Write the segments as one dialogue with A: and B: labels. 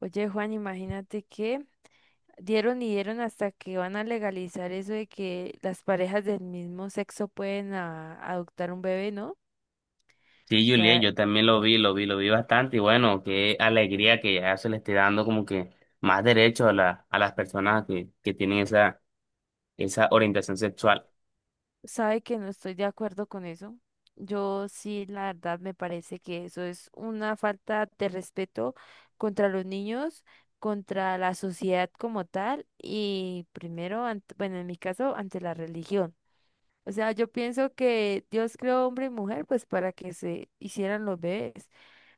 A: Oye, Juan, imagínate que dieron y dieron hasta que van a legalizar eso de que las parejas del mismo sexo pueden adoptar un bebé, ¿no? O
B: Sí, Juliet,
A: sea,
B: yo también lo vi, lo vi bastante y bueno, qué alegría que ya se le esté dando como que más derechos a a las personas que tienen esa orientación sexual.
A: sabe que no estoy de acuerdo con eso. Yo sí, la verdad, me parece que eso es una falta de respeto contra los niños, contra la sociedad como tal y primero, bueno, en mi caso, ante la religión. O sea, yo pienso que Dios creó hombre y mujer pues para que se hicieran los bebés.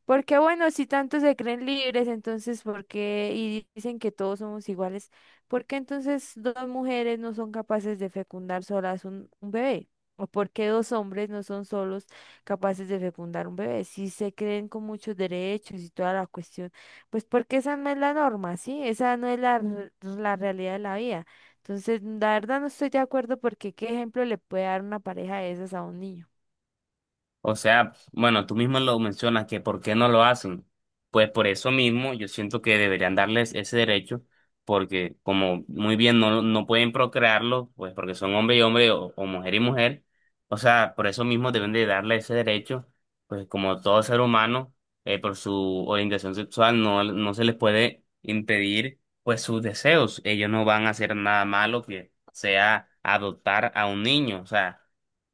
A: Porque bueno, si tanto se creen libres, entonces ¿por qué? Y dicen que todos somos iguales, ¿por qué entonces dos mujeres no son capaces de fecundar solas un bebé? ¿O por qué dos hombres no son solos capaces de fecundar un bebé? Si se creen con muchos derechos y toda la cuestión, pues porque esa no es la norma, ¿sí? Esa no es la realidad de la vida. Entonces, la verdad no estoy de acuerdo porque ¿qué ejemplo le puede dar una pareja de esas a un niño?
B: O sea, bueno, tú mismo lo mencionas que por qué no lo hacen. Pues por eso mismo yo siento que deberían darles ese derecho, porque como muy bien no pueden procrearlo, pues porque son hombre y hombre o mujer y mujer, o sea, por eso mismo deben de darle ese derecho, pues como todo ser humano, por su orientación sexual no se les puede impedir pues sus deseos. Ellos no van a hacer nada malo que sea adoptar a un niño, o sea.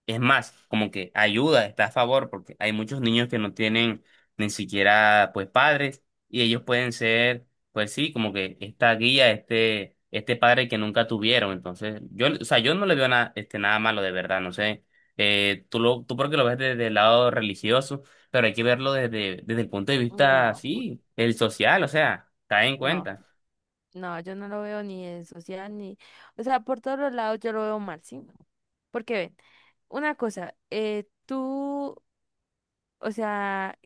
B: Es más, como que ayuda, está a favor, porque hay muchos niños que no tienen ni siquiera pues padres y ellos pueden ser, pues sí, como que esta guía, este padre que nunca tuvieron. Entonces, yo, o sea, yo no le veo nada, este, nada malo de verdad, no sé. Tú lo, tú porque lo ves desde el lado religioso, pero hay que verlo desde, desde el punto de vista,
A: No,
B: sí, el social, o sea, cae en
A: no.
B: cuenta.
A: No, yo no lo veo ni en social ni, o sea, por todos los lados yo lo veo mal, ¿sí? Porque ven, una cosa, tú, o sea,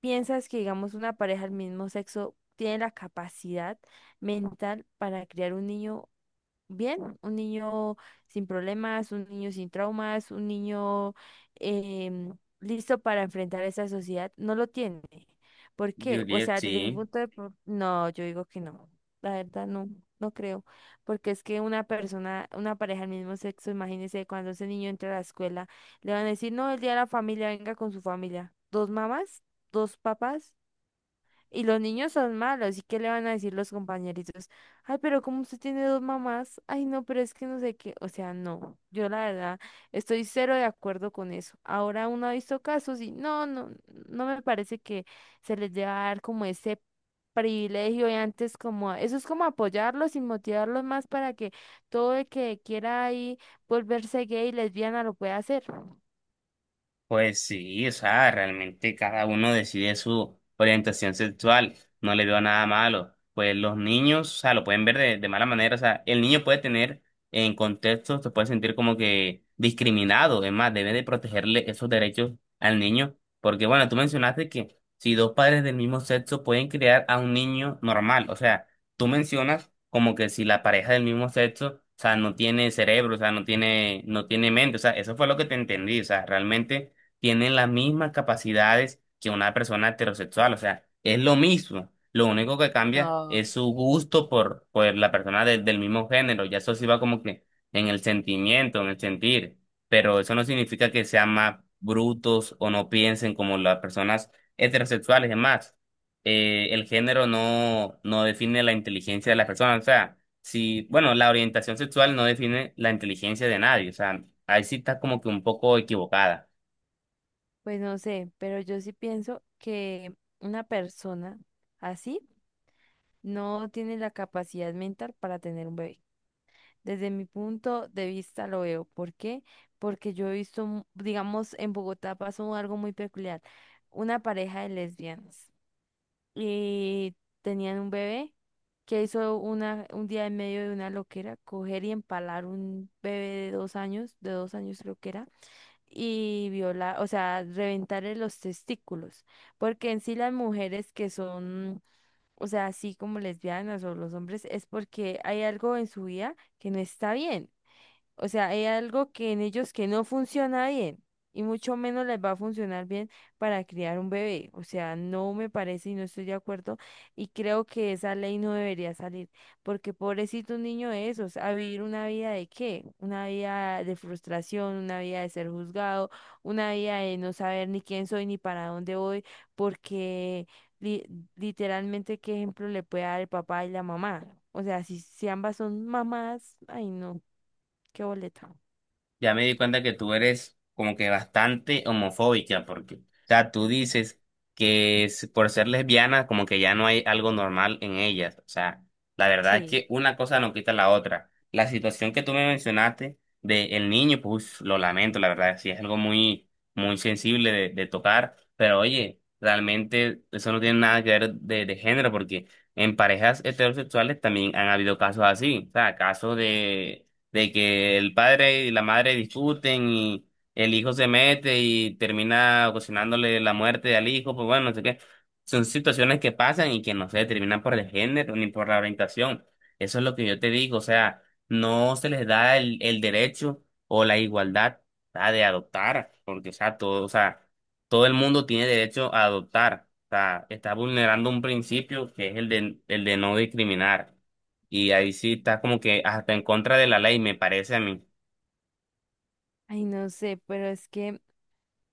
A: piensas que, digamos, una pareja del mismo sexo tiene la capacidad mental para criar un niño bien, un niño sin problemas, un niño sin traumas, un niño em, listo para enfrentar esa sociedad, no lo tiene. ¿Por qué? O
B: Juliet,
A: sea, desde mi
B: sí.
A: punto de no, yo digo que no. La verdad no, no creo, porque es que una persona, una pareja del mismo sexo, imagínese cuando ese niño entra a la escuela, le van a decir, no, el día de la familia, venga con su familia. ¿Dos mamás? ¿Dos papás? Y los niños son malos, ¿y qué le van a decir los compañeritos? Ay, pero como usted tiene dos mamás, ay, no, pero es que no sé qué, o sea, no, yo la verdad estoy cero de acuerdo con eso. Ahora uno ha visto casos y no, no, no me parece que se les deba dar como ese privilegio y antes como, eso es como apoyarlos y motivarlos más para que todo el que quiera ahí volverse gay, lesbiana, lo pueda hacer.
B: Pues sí, o sea, realmente cada uno decide su orientación sexual, no le veo nada malo. Pues los niños, o sea, lo pueden ver de mala manera, o sea, el niño puede tener en contextos, se puede sentir como que discriminado, es más, debe de protegerle esos derechos al niño, porque bueno, tú mencionaste que si dos padres del mismo sexo pueden criar a un niño normal, o sea, tú mencionas como que si la pareja del mismo sexo, o sea, no tiene cerebro, o sea, no tiene mente, o sea, eso fue lo que te entendí, o sea, realmente tienen las mismas capacidades que una persona heterosexual, o sea, es lo mismo. Lo único que cambia
A: No.
B: es su gusto por la persona del mismo género, ya eso sí va como que en el sentimiento, en el sentir, pero eso no significa que sean más brutos o no piensen como las personas heterosexuales, es más, el género no define la inteligencia de las personas, o sea, si, bueno, la orientación sexual no define la inteligencia de nadie, o sea, ahí sí está como que un poco equivocada.
A: Pues no sé, pero yo sí pienso que una persona así no tiene la capacidad mental para tener un bebé. Desde mi punto de vista lo veo. ¿Por qué? Porque yo he visto, digamos, en Bogotá pasó algo muy peculiar. Una pareja de lesbianas y tenían un bebé que hizo una, un día en medio de una loquera, coger y empalar un bebé de dos años creo que era y violar, o sea, reventarle los testículos, porque en sí las mujeres que son, o sea, así como lesbianas o los hombres, es porque hay algo en su vida que no está bien. O sea, hay algo que en ellos que no funciona bien y mucho menos les va a funcionar bien para criar un bebé. O sea, no me parece y no estoy de acuerdo y creo que esa ley no debería salir porque pobrecito un niño de esos, ¿a vivir una vida de qué? Una vida de frustración, una vida de ser juzgado, una vida de no saber ni quién soy ni para dónde voy porque li- literalmente qué ejemplo le puede dar el papá y la mamá. O sea, si ambas son mamás, ay no. ¿Qué boleta?
B: Ya me di cuenta que tú eres como que bastante homofóbica, porque, o sea, tú dices que por ser lesbiana, como que ya no hay algo normal en ellas. O sea, la verdad es
A: Sí.
B: que una cosa no quita la otra. La situación que tú me mencionaste de el niño, pues lo lamento, la verdad, sí es algo muy, muy sensible de tocar, pero oye, realmente eso no tiene nada que ver de género, porque en parejas heterosexuales también han habido casos así, o sea, casos de que el padre y la madre discuten y el hijo se mete y termina ocasionándole la muerte al hijo, pues bueno, no sé qué. Son situaciones que pasan y que no se determinan por el género ni por la orientación. Eso es lo que yo te digo, o sea, no se les da el derecho o la igualdad ¿verdad? De adoptar, porque o sea, todo el mundo tiene derecho a adoptar. O sea, está vulnerando un principio que es el de no discriminar. Y ahí sí está como que hasta en contra de la ley, me parece a mí.
A: Ay, no sé, pero es que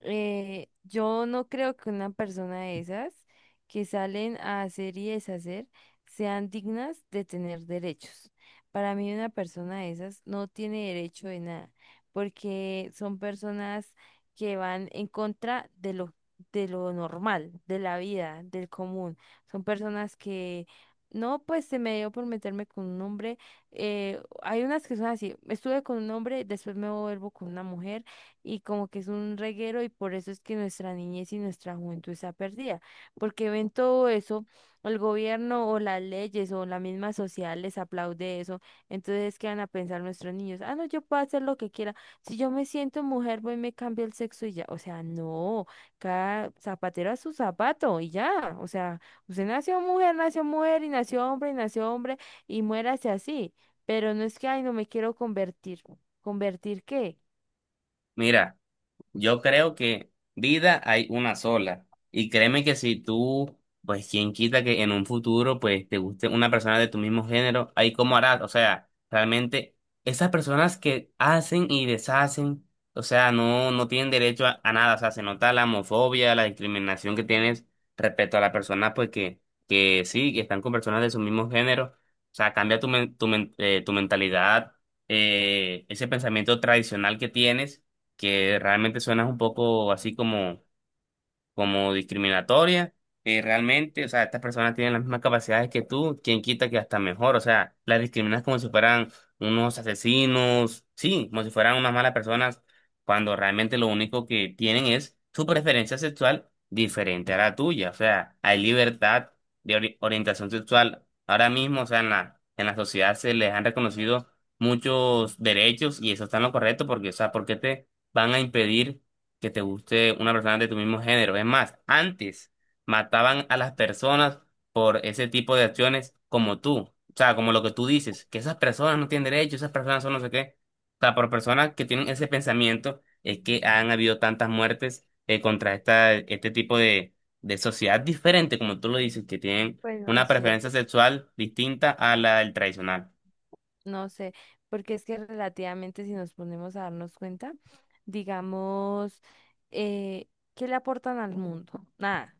A: Yo no creo que una persona de esas que salen a hacer y deshacer sean dignas de tener derechos. Para mí una persona de esas no tiene derecho de nada, porque son personas que van en contra de lo normal, de la vida, del común. Son personas que no, pues se me dio por meterme con un hombre. Hay unas que son así, estuve con un hombre, después me vuelvo con una mujer y como que es un reguero y por eso es que nuestra niñez y nuestra juventud está perdida, porque ven todo eso, el gobierno o las leyes o la misma sociedad les aplaude eso, entonces ¿qué van a pensar nuestros niños? Ah, no, yo puedo hacer lo que quiera, si yo me siento mujer, voy y me cambio el sexo y ya, o sea, no, cada zapatero a su zapato y ya, o sea, usted nació mujer y nació hombre y nació hombre y muérase así, pero no es que, ay, no me quiero convertir, ¿convertir qué?
B: Mira. Yo creo que vida hay una sola. Y créeme que si tú, pues quién quita que en un futuro, pues te guste una persona de tu mismo género, ahí cómo harás. O sea, realmente esas personas que hacen y deshacen, o sea, no tienen derecho a nada. O sea, se nota la homofobia, la discriminación que tienes respecto a las personas, pues que sí, que están con personas de su mismo género. O sea, cambia tu mentalidad, ese pensamiento tradicional que tienes que realmente suenas un poco así como, como discriminatoria. Realmente, o sea, estas personas tienen las mismas capacidades que tú, quien quita que hasta mejor, o sea, las discriminas como si fueran unos asesinos, sí, como si fueran unas malas personas, cuando realmente lo único que tienen es su preferencia sexual diferente a la tuya, o sea, hay libertad de orientación sexual. Ahora mismo, o sea, en en la sociedad se les han reconocido muchos derechos y eso está en lo correcto porque, o sea, ¿por qué te van a impedir? Que te guste una persona de tu mismo género. Es más, antes mataban a las personas por ese tipo de acciones como tú. O sea, como lo que tú dices, que esas personas no tienen derecho, esas personas son no sé qué. O sea, por personas que tienen ese pensamiento es que han habido tantas muertes contra esta, este tipo de sociedad diferente, como tú lo dices, que tienen
A: Pues no
B: una
A: sé.
B: preferencia sexual distinta a la del tradicional.
A: No sé, porque es que relativamente si nos ponemos a darnos cuenta, digamos, eh, ¿qué le aportan al mundo? Nada.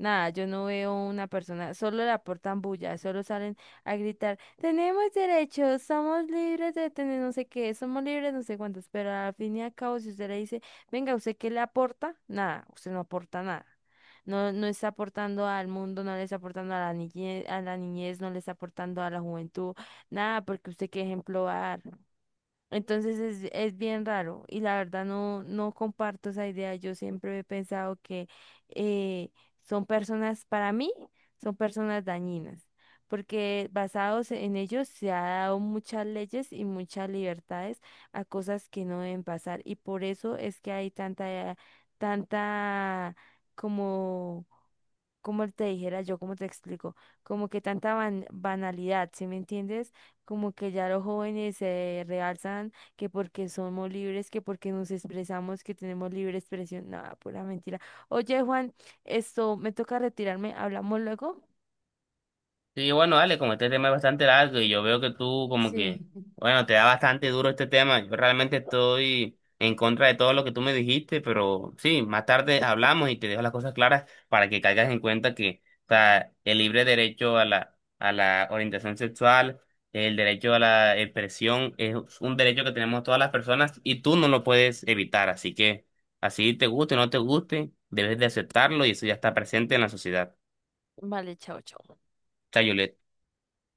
A: Nada, yo no veo una persona, solo le aportan bulla, solo salen a gritar, tenemos derechos, somos libres de tener no sé qué, somos libres no sé cuántos, pero al fin y al cabo, si usted le dice, venga, ¿usted qué le aporta? Nada, usted no aporta nada. No, no está aportando al mundo, no le está aportando a la niñez, no le está aportando a la juventud, nada, porque usted qué ejemplo va a dar. Entonces es bien raro y la verdad no, no comparto esa idea. Yo siempre he pensado que eh, son personas, para mí, son personas dañinas, porque basados en ellos se ha dado muchas leyes y muchas libertades a cosas que no deben pasar y por eso es que hay tanta, tanta como como te dijera yo, como te explico, como que tanta banalidad, ¿sí me entiendes? Como que ya los jóvenes se realzan que porque somos libres, que porque nos expresamos, que tenemos libre expresión, nada, pura mentira. Oye, Juan, esto me toca retirarme, hablamos luego.
B: Sí, bueno, dale, como este tema es bastante largo y yo veo que tú como que,
A: Sí.
B: bueno, te da bastante duro este tema. Yo realmente estoy en contra de todo lo que tú me dijiste, pero sí, más tarde hablamos y te dejo las cosas claras para que caigas en cuenta que, o sea, el libre derecho a a la orientación sexual, el derecho a la expresión, es un derecho que tenemos todas las personas y tú no lo puedes evitar. Así que, así te guste o no te guste, debes de aceptarlo y eso ya está presente en la sociedad.
A: Vale, chao, chao.
B: Chao, Juliet.